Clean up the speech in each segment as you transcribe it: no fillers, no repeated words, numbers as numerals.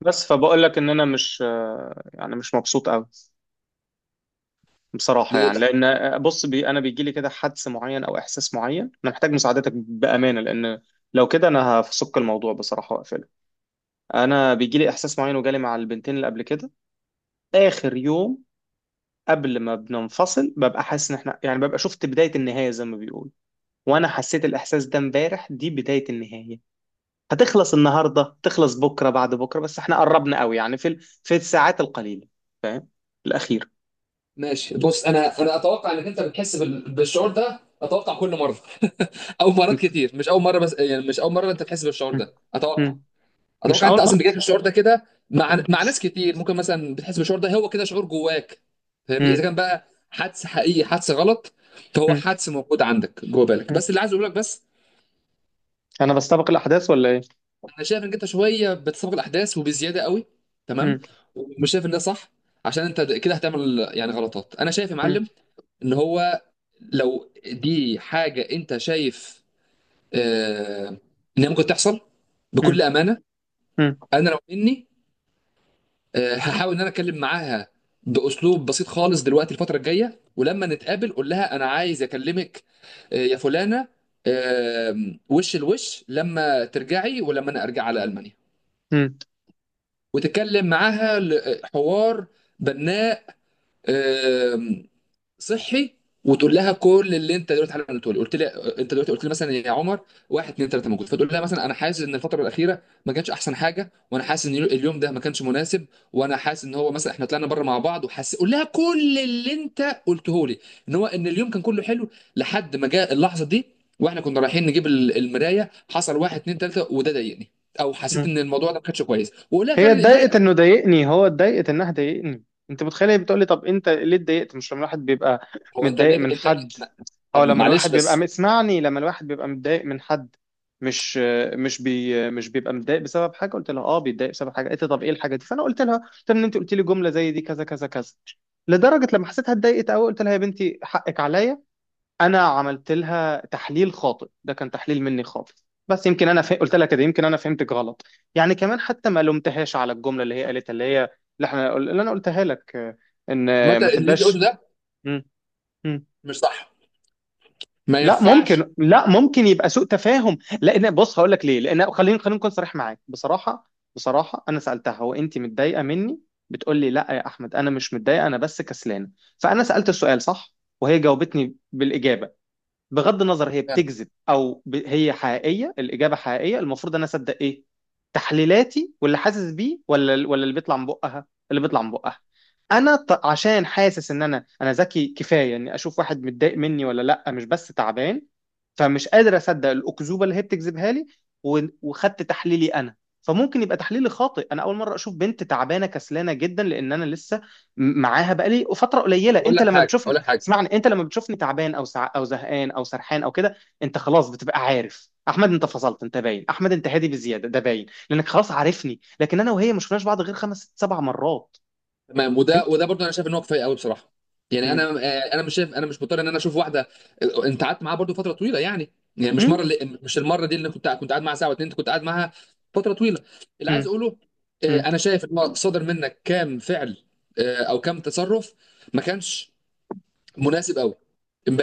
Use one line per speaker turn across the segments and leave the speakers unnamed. بس فبقول لك ان انا مش يعني مش مبسوط قوي بصراحه
ليه
يعني
لا؟
لان بص انا بيجي لي كده حدس معين او احساس معين. انا محتاج مساعدتك بامانه لان لو كده انا هفسك الموضوع بصراحه واقفله. انا بيجي لي احساس معين وجالي مع البنتين اللي قبل كده. اخر يوم قبل ما بننفصل ببقى حاسس ان احنا يعني ببقى شفت بدايه النهايه زي ما بيقولوا، وانا حسيت الاحساس ده امبارح. دي بدايه النهايه، هتخلص النهارده تخلص بكره بعد بكره، بس احنا قربنا قوي يعني في في الساعات القليله. فاهم الاخير.
ماشي، بص، انا اتوقع انك انت بتحس بالشعور ده، اتوقع كل مره او مرات كتير، مش اول مره، بس يعني مش اول مره انت بتحس بالشعور
مم.
ده، اتوقع.
مم. مش
اتوقع انت
أول مرة.
اصلا بيجيلك الشعور ده كده مع ناس كتير، ممكن مثلا بتحس بالشعور ده، هو كده شعور جواك، فاهمني؟ اذا
مم.
كان بقى حدس حقيقي حدس غلط، فهو
مم.
حدس موجود عندك جوه بالك.
مم.
بس اللي عايز اقول لك: بس
أنا بستبق الأحداث ولا إيه؟
انا شايف انك انت شويه بتسابق الاحداث وبزياده قوي،
مم.
تمام؟ ومش شايف ان ده صح، عشان انت كده هتعمل يعني غلطات، انا شايف يا
مم.
معلم. ان هو لو دي حاجه انت شايف آه، ان هي ممكن تحصل، بكل
مم.
امانه،
مم.
انا لو مني هحاول ان انا اتكلم معاها باسلوب بسيط خالص دلوقتي الفتره الجايه، ولما نتقابل قول لها انا عايز اكلمك يا فلانه، آه، وش الوش، لما ترجعي ولما انا ارجع على المانيا،
مم.
وتتكلم معاها حوار بناء، آه، صحي، وتقول لها كل اللي انت دلوقتي حالا قلته لي. قلت لي انت دلوقتي قلت لي مثلا يا عمر واحد اتنين تلاته موجود، فتقول لها مثلا انا حاسس ان الفتره الاخيره ما كانتش احسن حاجه، وانا حاسس ان اليوم ده ما كانش مناسب، وانا حاسس ان هو مثلا احنا طلعنا بره مع بعض، وحاسس، قول لها كل اللي انت قلته لي، ان هو ان اليوم كان كله حلو لحد ما جاء اللحظه دي، واحنا كنا رايحين نجيب المرايه حصل واحد اتنين تلاته، وده ضايقني، او حسيت
مم.
ان الموضوع ده ما كانش كويس، وقول لها
هي
فعلا اللي
اتضايقت
ضايقك.
إنه ضايقني، هو اتضايقت إنها ضايقني. أنت متخيل؟ هي بتقولي طب أنت ليه اتضايقت؟ مش لما الواحد بيبقى
هو انت
متضايق
ليه
من
انت
حد،
ما- طب
أو لما
معلش
الواحد بيبقى،
بس.
اسمعني، لما الواحد بيبقى متضايق من حد مش مش بيبقى متضايق بسبب حاجه قلت لها، اه بيتضايق بسبب حاجه قالت لي. طب ايه الحاجه دي؟ فانا قلت لها ان انت قلت لي جمله زي دي كذا كذا كذا، لدرجه لما حسيتها اتضايقت قوي قلت لها يا بنتي حقك عليا، انا عملت لها تحليل خاطئ، ده كان تحليل مني خاطئ. بس يمكن انا قلت لها كده يمكن انا فهمتك غلط. يعني كمان حتى ما لومتهاش على الجمله اللي هي قالتها اللي هي اللي احنا اللي انا قلتها لك، ان
عامه
ما
اللي انت قلته
تبقاش.
ده
مم. مم.
مش صح، ما
لا
ينفعش.
ممكن لا ممكن يبقى سوء تفاهم، لان بص هقول لك ليه. لان خليني نكون صريح معاك. بصراحه انا سالتها هو انت متضايقه مني؟ بتقول لي لا يا احمد انا مش متضايقه انا بس كسلانه. فانا سالت السؤال صح وهي جاوبتني بالاجابه. بغض النظر هي بتكذب او هي حقيقيه، الاجابه حقيقيه، المفروض انا اصدق ايه؟ تحليلاتي واللي حاسس بيه ولا اللي بيطلع من بقها؟ اللي بيطلع من بقها. عشان حاسس ان انا ذكي كفايه اني اشوف واحد متضايق مني ولا لا، مش بس تعبان. فمش قادر اصدق الاكذوبه اللي هي بتكذبها لي، وخدت تحليلي انا. فممكن يبقى تحليلي خاطئ، انا اول مره اشوف بنت تعبانه كسلانه جدا لان انا لسه معاها بقالي فتره قليله.
اقول
انت
لك
لما
حاجه
بتشوف،
اقول لك حاجه
اسمعني، انت لما بتشوفني تعبان او زهقان او سرحان او كده انت خلاص بتبقى عارف احمد انت فصلت، انت باين احمد انت هادي بزياده، ده باين لانك خلاص عارفني. لكن انا وهي ما شفناش بعض غير خمس ست سبع مرات.
تمام. وده
فهمت.
وده برضه انا شايف ان هو كفايه قوي بصراحه، يعني انا
مم.
انا مش شايف، انا مش مضطر ان انا اشوف واحده. انت قعدت معاها برضه فتره طويله يعني، يعني مش مره،
مم.
اللي مش المره دي اللي كنت قاعد معاها ساعه واتنين، انت كنت قاعد معاها فتره طويله. اللي
مم.
عايز اقوله:
مم.
انا شايف ان هو صدر منك كام فعل، او كام تصرف ما كانش مناسب قوي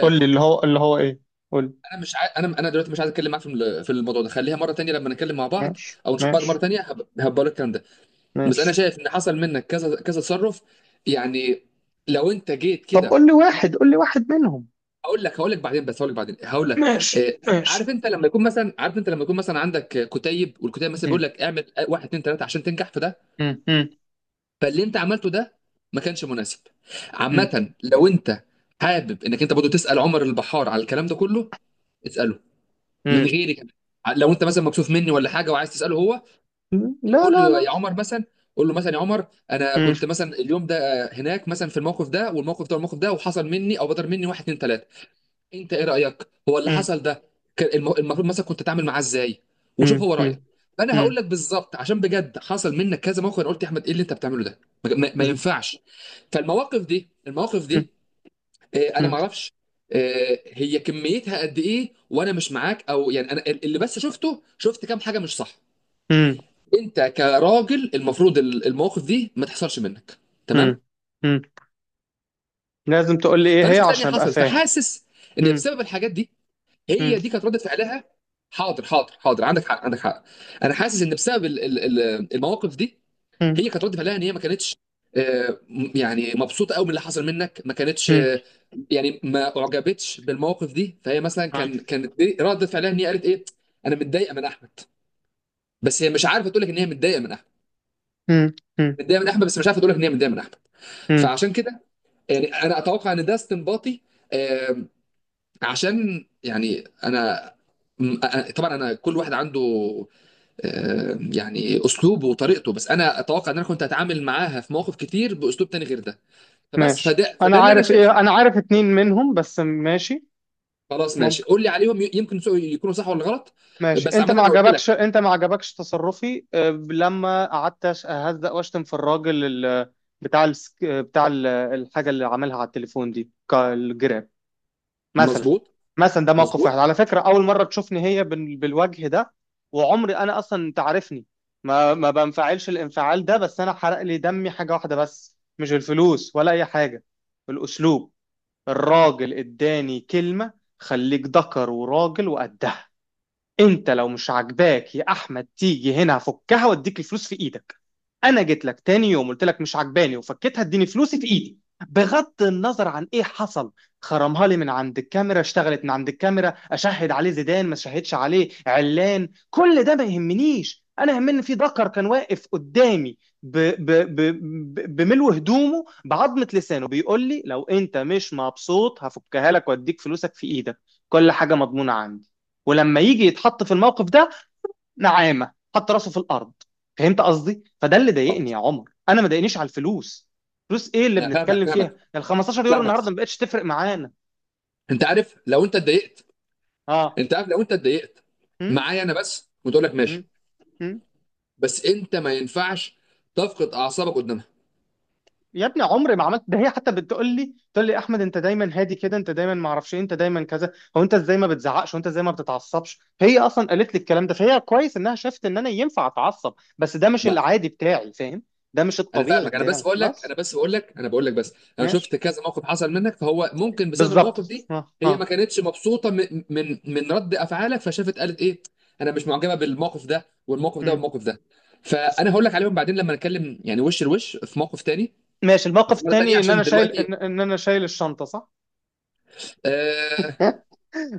قول لي اللي هو ايه. قول لي.
انا دلوقتي مش عايز اتكلم معاك في في الموضوع ده، خليها مره تانية لما نتكلم مع بعض
ماشي
او نشوف بعض مره
ماشي
تانية، هبقى لك الكلام ده، بس انا
ماشي.
شايف ان حصل منك كذا كذا تصرف، يعني لو انت جيت
طب
كده
قول لي واحد، قول لي واحد منهم.
هقول لك بعدين، بس هقول لك بعدين هقول لك.
ماشي
آه، عارف
ماشي.
انت لما يكون مثلا، عارف انت لما يكون مثلا عندك كتيب، والكتيب مثلا بيقول
مم.
لك اعمل واحد اتنين تلاته عشان تنجح في ده،
مم. مم.
فاللي انت عملته ده ما كانش مناسب.
مم.
عامه لو انت حابب انك انت برضه تسال عمر البحار على الكلام ده كله، اساله من
مم.
غيري كمان، لو انت مثلا مكسوف مني ولا حاجه وعايز تساله هو،
مم. لا
قول
لا
له
لا.
يا عمر مثلا، قول له مثلا يا عمر انا
مم.
كنت مثلا اليوم ده هناك مثلا في الموقف ده والموقف ده والموقف ده، وحصل مني او بدر مني واحد اتنين تلاته، انت ايه رايك هو اللي
مم.
حصل ده كان المفروض مثلا كنت تعمل معاه ازاي، وشوف
مم.
هو رايك.
مم.
فانا
مم.
هقول لك بالظبط، عشان بجد حصل منك كذا موقف انا قلت يا احمد ايه اللي انت بتعمله ده، ما ينفعش. فالمواقف دي المواقف دي انا ما
مم.
اعرفش هي كميتها قد ايه وانا مش معاك، او يعني انا اللي بس شفته شفت كام حاجه، مش صح.
مم.
انت كراجل المفروض المواقف دي ما تحصلش منك، تمام؟
مم. مم. لازم تقول لي ايه
فانا
هي
شفتها ان هي
عشان ابقى
حصلت،
فاهم.
فحاسس ان
مم.
بسبب الحاجات دي
مم.
هي دي كانت رده فعلها. حاضر حاضر حاضر، عندك حق عندك حق. انا حاسس ان بسبب المواقف دي
مم.
هي كانت رده فعلها ان هي ما كانتش يعني مبسوطه قوي من اللي حصل منك، ما كانتش،
مم.
يعني ما اعجبتش بالمواقف دي، فهي مثلا كانت دي رده فعلها، ان هي قالت ايه؟ انا متضايقه من احمد. بس هي مش عارفه تقول لك ان هي متضايقه من احمد.
مم. مم.
متضايقه من احمد بس مش عارفه تقول لك ان هي متضايقه من احمد.
مم.
فعشان كده يعني انا اتوقع ان ده استنباطي آم، عشان يعني انا طبعا انا كل واحد عنده يعني اسلوبه وطريقته، بس انا اتوقع ان انا كنت هتعامل معاها في مواقف كتير باسلوب تاني غير ده، فبس
ماشي،
فده
انا
فده اللي انا
عارف
شايفه.
ايه، انا عارف اتنين منهم بس. ماشي
خلاص ماشي،
ممكن.
قول لي عليهم، يمكن يكونوا صح ولا غلط.
ماشي
بس
انت
عامه
ما
انا قلت
عجبكش،
لك.
انت ما عجبكش تصرفي لما قعدت اهزق واشتم في الراجل بتاع الحاجه اللي عملها على التليفون دي، الجراب مثلا.
مظبوط،
مثلا ده موقف واحد.
مظبوط.
على فكرة أول مرة تشوفني هي بالوجه ده، وعمري أنا أصلا، أنت عارفني، ما بنفعلش الانفعال ده. بس أنا حرق لي دمي حاجة واحدة بس، مش الفلوس ولا أي حاجة، الأسلوب. الراجل إداني كلمة خليك ذكر وراجل وقدها، انت لو مش عاجباك يا احمد تيجي هنا هفكها واديك الفلوس في ايدك. انا جيت لك تاني يوم قلت لك مش عاجباني وفكيتها اديني فلوسي في ايدي، بغض النظر عن ايه حصل. خرمها لي من عند الكاميرا، اشتغلت من عند الكاميرا، اشهد عليه زيدان، ما شهدش عليه علان، كل ده ما يهمنيش. انا يهمني في ذكر كان واقف قدامي بملو هدومه بعظمة لسانه بيقول لي لو انت مش مبسوط هفكها لك واديك فلوسك في ايدك، كل حاجة مضمونة عندي، ولما يجي يتحط في الموقف ده نعامه حط راسه في الارض. فهمت قصدي؟ فده اللي
اه،
ضايقني يا عمر، انا ما ضايقنيش على الفلوس. فلوس ايه اللي
أنا فاهمك،
بنتكلم
فاهمك،
فيها؟ ال 15 يورو
فاهمك.
النهارده ما بقتش تفرق معانا.
انت عارف لو انت اتضايقت،
اه.
انت عارف لو انت اتضايقت
م?
معايا انا بس وتقول لك
م?
ماشي،
م?
بس انت ما ينفعش تفقد اعصابك قدامها.
يا ابني عمري ما عملت ده، هي حتى بتقول لي، تقول لي احمد انت دايما هادي كده، انت دايما ما اعرفش ايه، انت دايما كذا، هو انت ازاي ما بتزعقش؟ وانت ازاي ما بتتعصبش؟ هي اصلا قالت لي الكلام ده، فهي كويس انها شافت ان انا ينفع اتعصب، بس ده مش
ما.
العادي بتاعي، فاهم؟ ده مش
انا
الطبيعي
فاهمك، انا
بتاعي
بس بقول لك،
بس.
انا بس بقول لك، انا بقول لك بس انا
ماشي.
شفت كذا موقف حصل منك، فهو ممكن بسبب
بالظبط.
المواقف دي،
اه
هي ما
اه.
كانتش مبسوطه من رد افعالك، فشافت قالت ايه؟ انا مش معجبه بالموقف ده والموقف ده
مم.
والموقف ده. فانا هقول لك عليهم بعدين لما نتكلم يعني وش لوش في موقف تاني،
ماشي
أو
الموقف
في مره تانيه،
التاني ان انا
عشان
شايل
دلوقتي
إن انا شايل الشنطة صح.
آه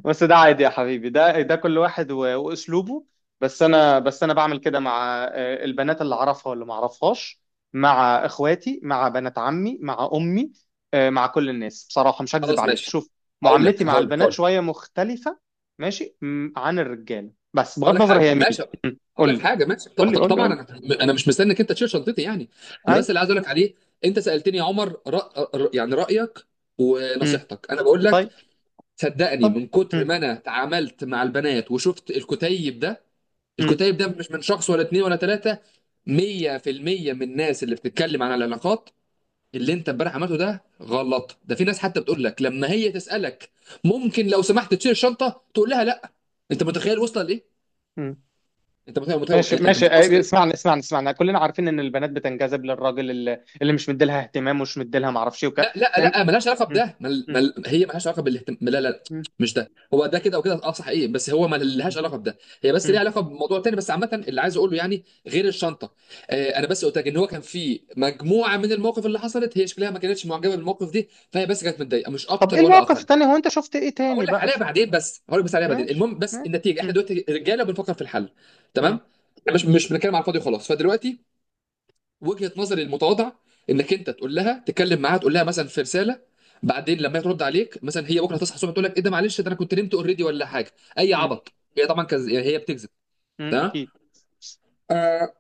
بس ده عادي يا حبيبي، ده كل واحد واسلوبه. بس انا بعمل كده مع البنات اللي اعرفها واللي ما اعرفهاش، مع اخواتي مع بنات عمي مع امي، مع كل الناس بصراحة، مش هكذب
خلاص
عليك،
ماشي.
شوف
هقول
معاملتي
لك
مع
هقول لك
البنات
هقول لك
شوية مختلفة. ماشي عن الرجالة، بس بغض
هقول لك
النظر
حاجه
هي مين.
ماشي
م.
هقول
قول
لك
لي
حاجه ماشي
قول لي قول لي
طبعا
قول لي.
انا، انا مش مستنيك انت تشيل شنطتي يعني، انا
اي.
بس اللي عايز اقول لك عليه، انت سالتني يا عمر يعني رايك
م.
ونصيحتك، انا بقول لك
طيب.
صدقني
طيب.
من كتر
م.
ما انا تعاملت مع البنات وشفت الكتيب ده.
م.
الكتيب ده مش من شخص ولا اتنين ولا تلاته، 100% من الناس اللي بتتكلم عن العلاقات اللي انت امبارح عملته ده غلط. ده في ناس حتى بتقول لك لما هي تسالك ممكن لو سمحت تشيل الشنطه تقول لها لا. انت متخيل وصل لايه؟
م. ماشي
انت
ماشي،
متوصل ايه؟
اسمعني اسمعني اسمعني، كلنا عارفين ان البنات بتنجذب للراجل اللي مش مديلها اهتمام ومش مديلها معرفش ايه
لا لا لا، ملهاش علاقه
م-
بده،
م-
هي ملهاش علاقه بالاهتمام، لا لا،
م-
مش ده، هو ده كده وكده، اه صحيح، بس هو
م-
ملهاش علاقه بده، هي بس ليها
م.
علاقه بموضوع تاني. بس عامه اللي عايز اقوله يعني غير الشنطه، انا بس قلت لك ان هو كان في مجموعه من المواقف اللي حصلت، هي شكلها ما كانتش معجبه بالموقف دي، فهي بس كانت متضايقه مش
طب ايه
اكتر ولا
المواقف
اقل.
التانية؟ هو انت شفت ايه تاني
هقول لك
بقى
عليها
في...
بعدين، بس هقول لك بس عليها بعدين.
ماشي
المهم بس
ماشي.
النتيجه احنا
م-
دلوقتي رجاله بنفكر في الحل،
م-
تمام؟ مش بنتكلم على الفاضي وخلاص. فدلوقتي، وجهة نظري المتواضعة، انك انت تقول لها، تكلم معاها، تقول لها مثلا في رسالة. بعدين لما هي ترد عليك مثلا هي بكره
م-
تصحى الصبح تقول لك ايه ده، معلش ده انا كنت نمت اوريدي ولا حاجة، اي
م-
عبط، هي طبعا يعني هي بتكذب،
م.
تمام.
اكيد.
آه.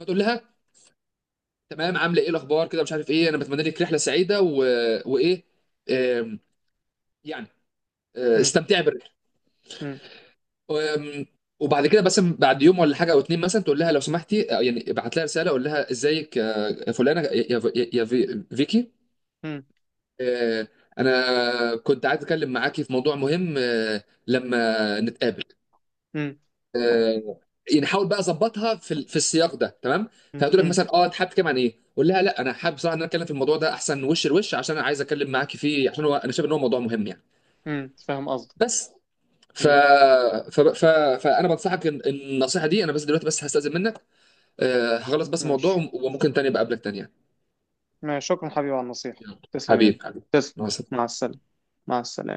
فتقول لها تمام، عامله ايه، الاخبار كده، مش عارف ايه، انا بتمنى لك رحلة سعيدة وايه، آم، يعني
م-
استمتعي بالرحلة.
م-
آم، وبعد كده بس بعد يوم ولا حاجه او اتنين مثلا تقول لها لو سمحتي، يعني ابعت لها رساله، قول لها ازيك يا فلانه، يا فيكي،
م-
آه، أنا كنت عايز أتكلم معاكي في موضوع مهم، لما نتقابل،
م-
آه، يعني حاول بقى أظبطها في السياق ده، تمام.
م-
فهتقول لك
م-
مثلا أه أنت حابب تتكلم عن إيه؟ قول لها لا، أنا حابب بصراحة إن أنا أتكلم في الموضوع ده أحسن وش لوش، عشان أنا عايز أتكلم معاكي فيه، عشان هو أنا شايف إن هو موضوع مهم يعني.
م. فاهم قصدك.
بس ف...
م.
ف... ف... فأنا بنصحك إن النصيحة دي، أنا بس دلوقتي بس هستأذن منك، هخلص بس الموضوع،
ماشي
وممكن تاني بقابلك تاني يعني.
ماشي، شكرا حبيبي على النصيحة.
يلا.
تسلم يا ابني.
حبيب حبيب.
تسلم.
مع
مع
السلامة.
السلامة. مع السلامة.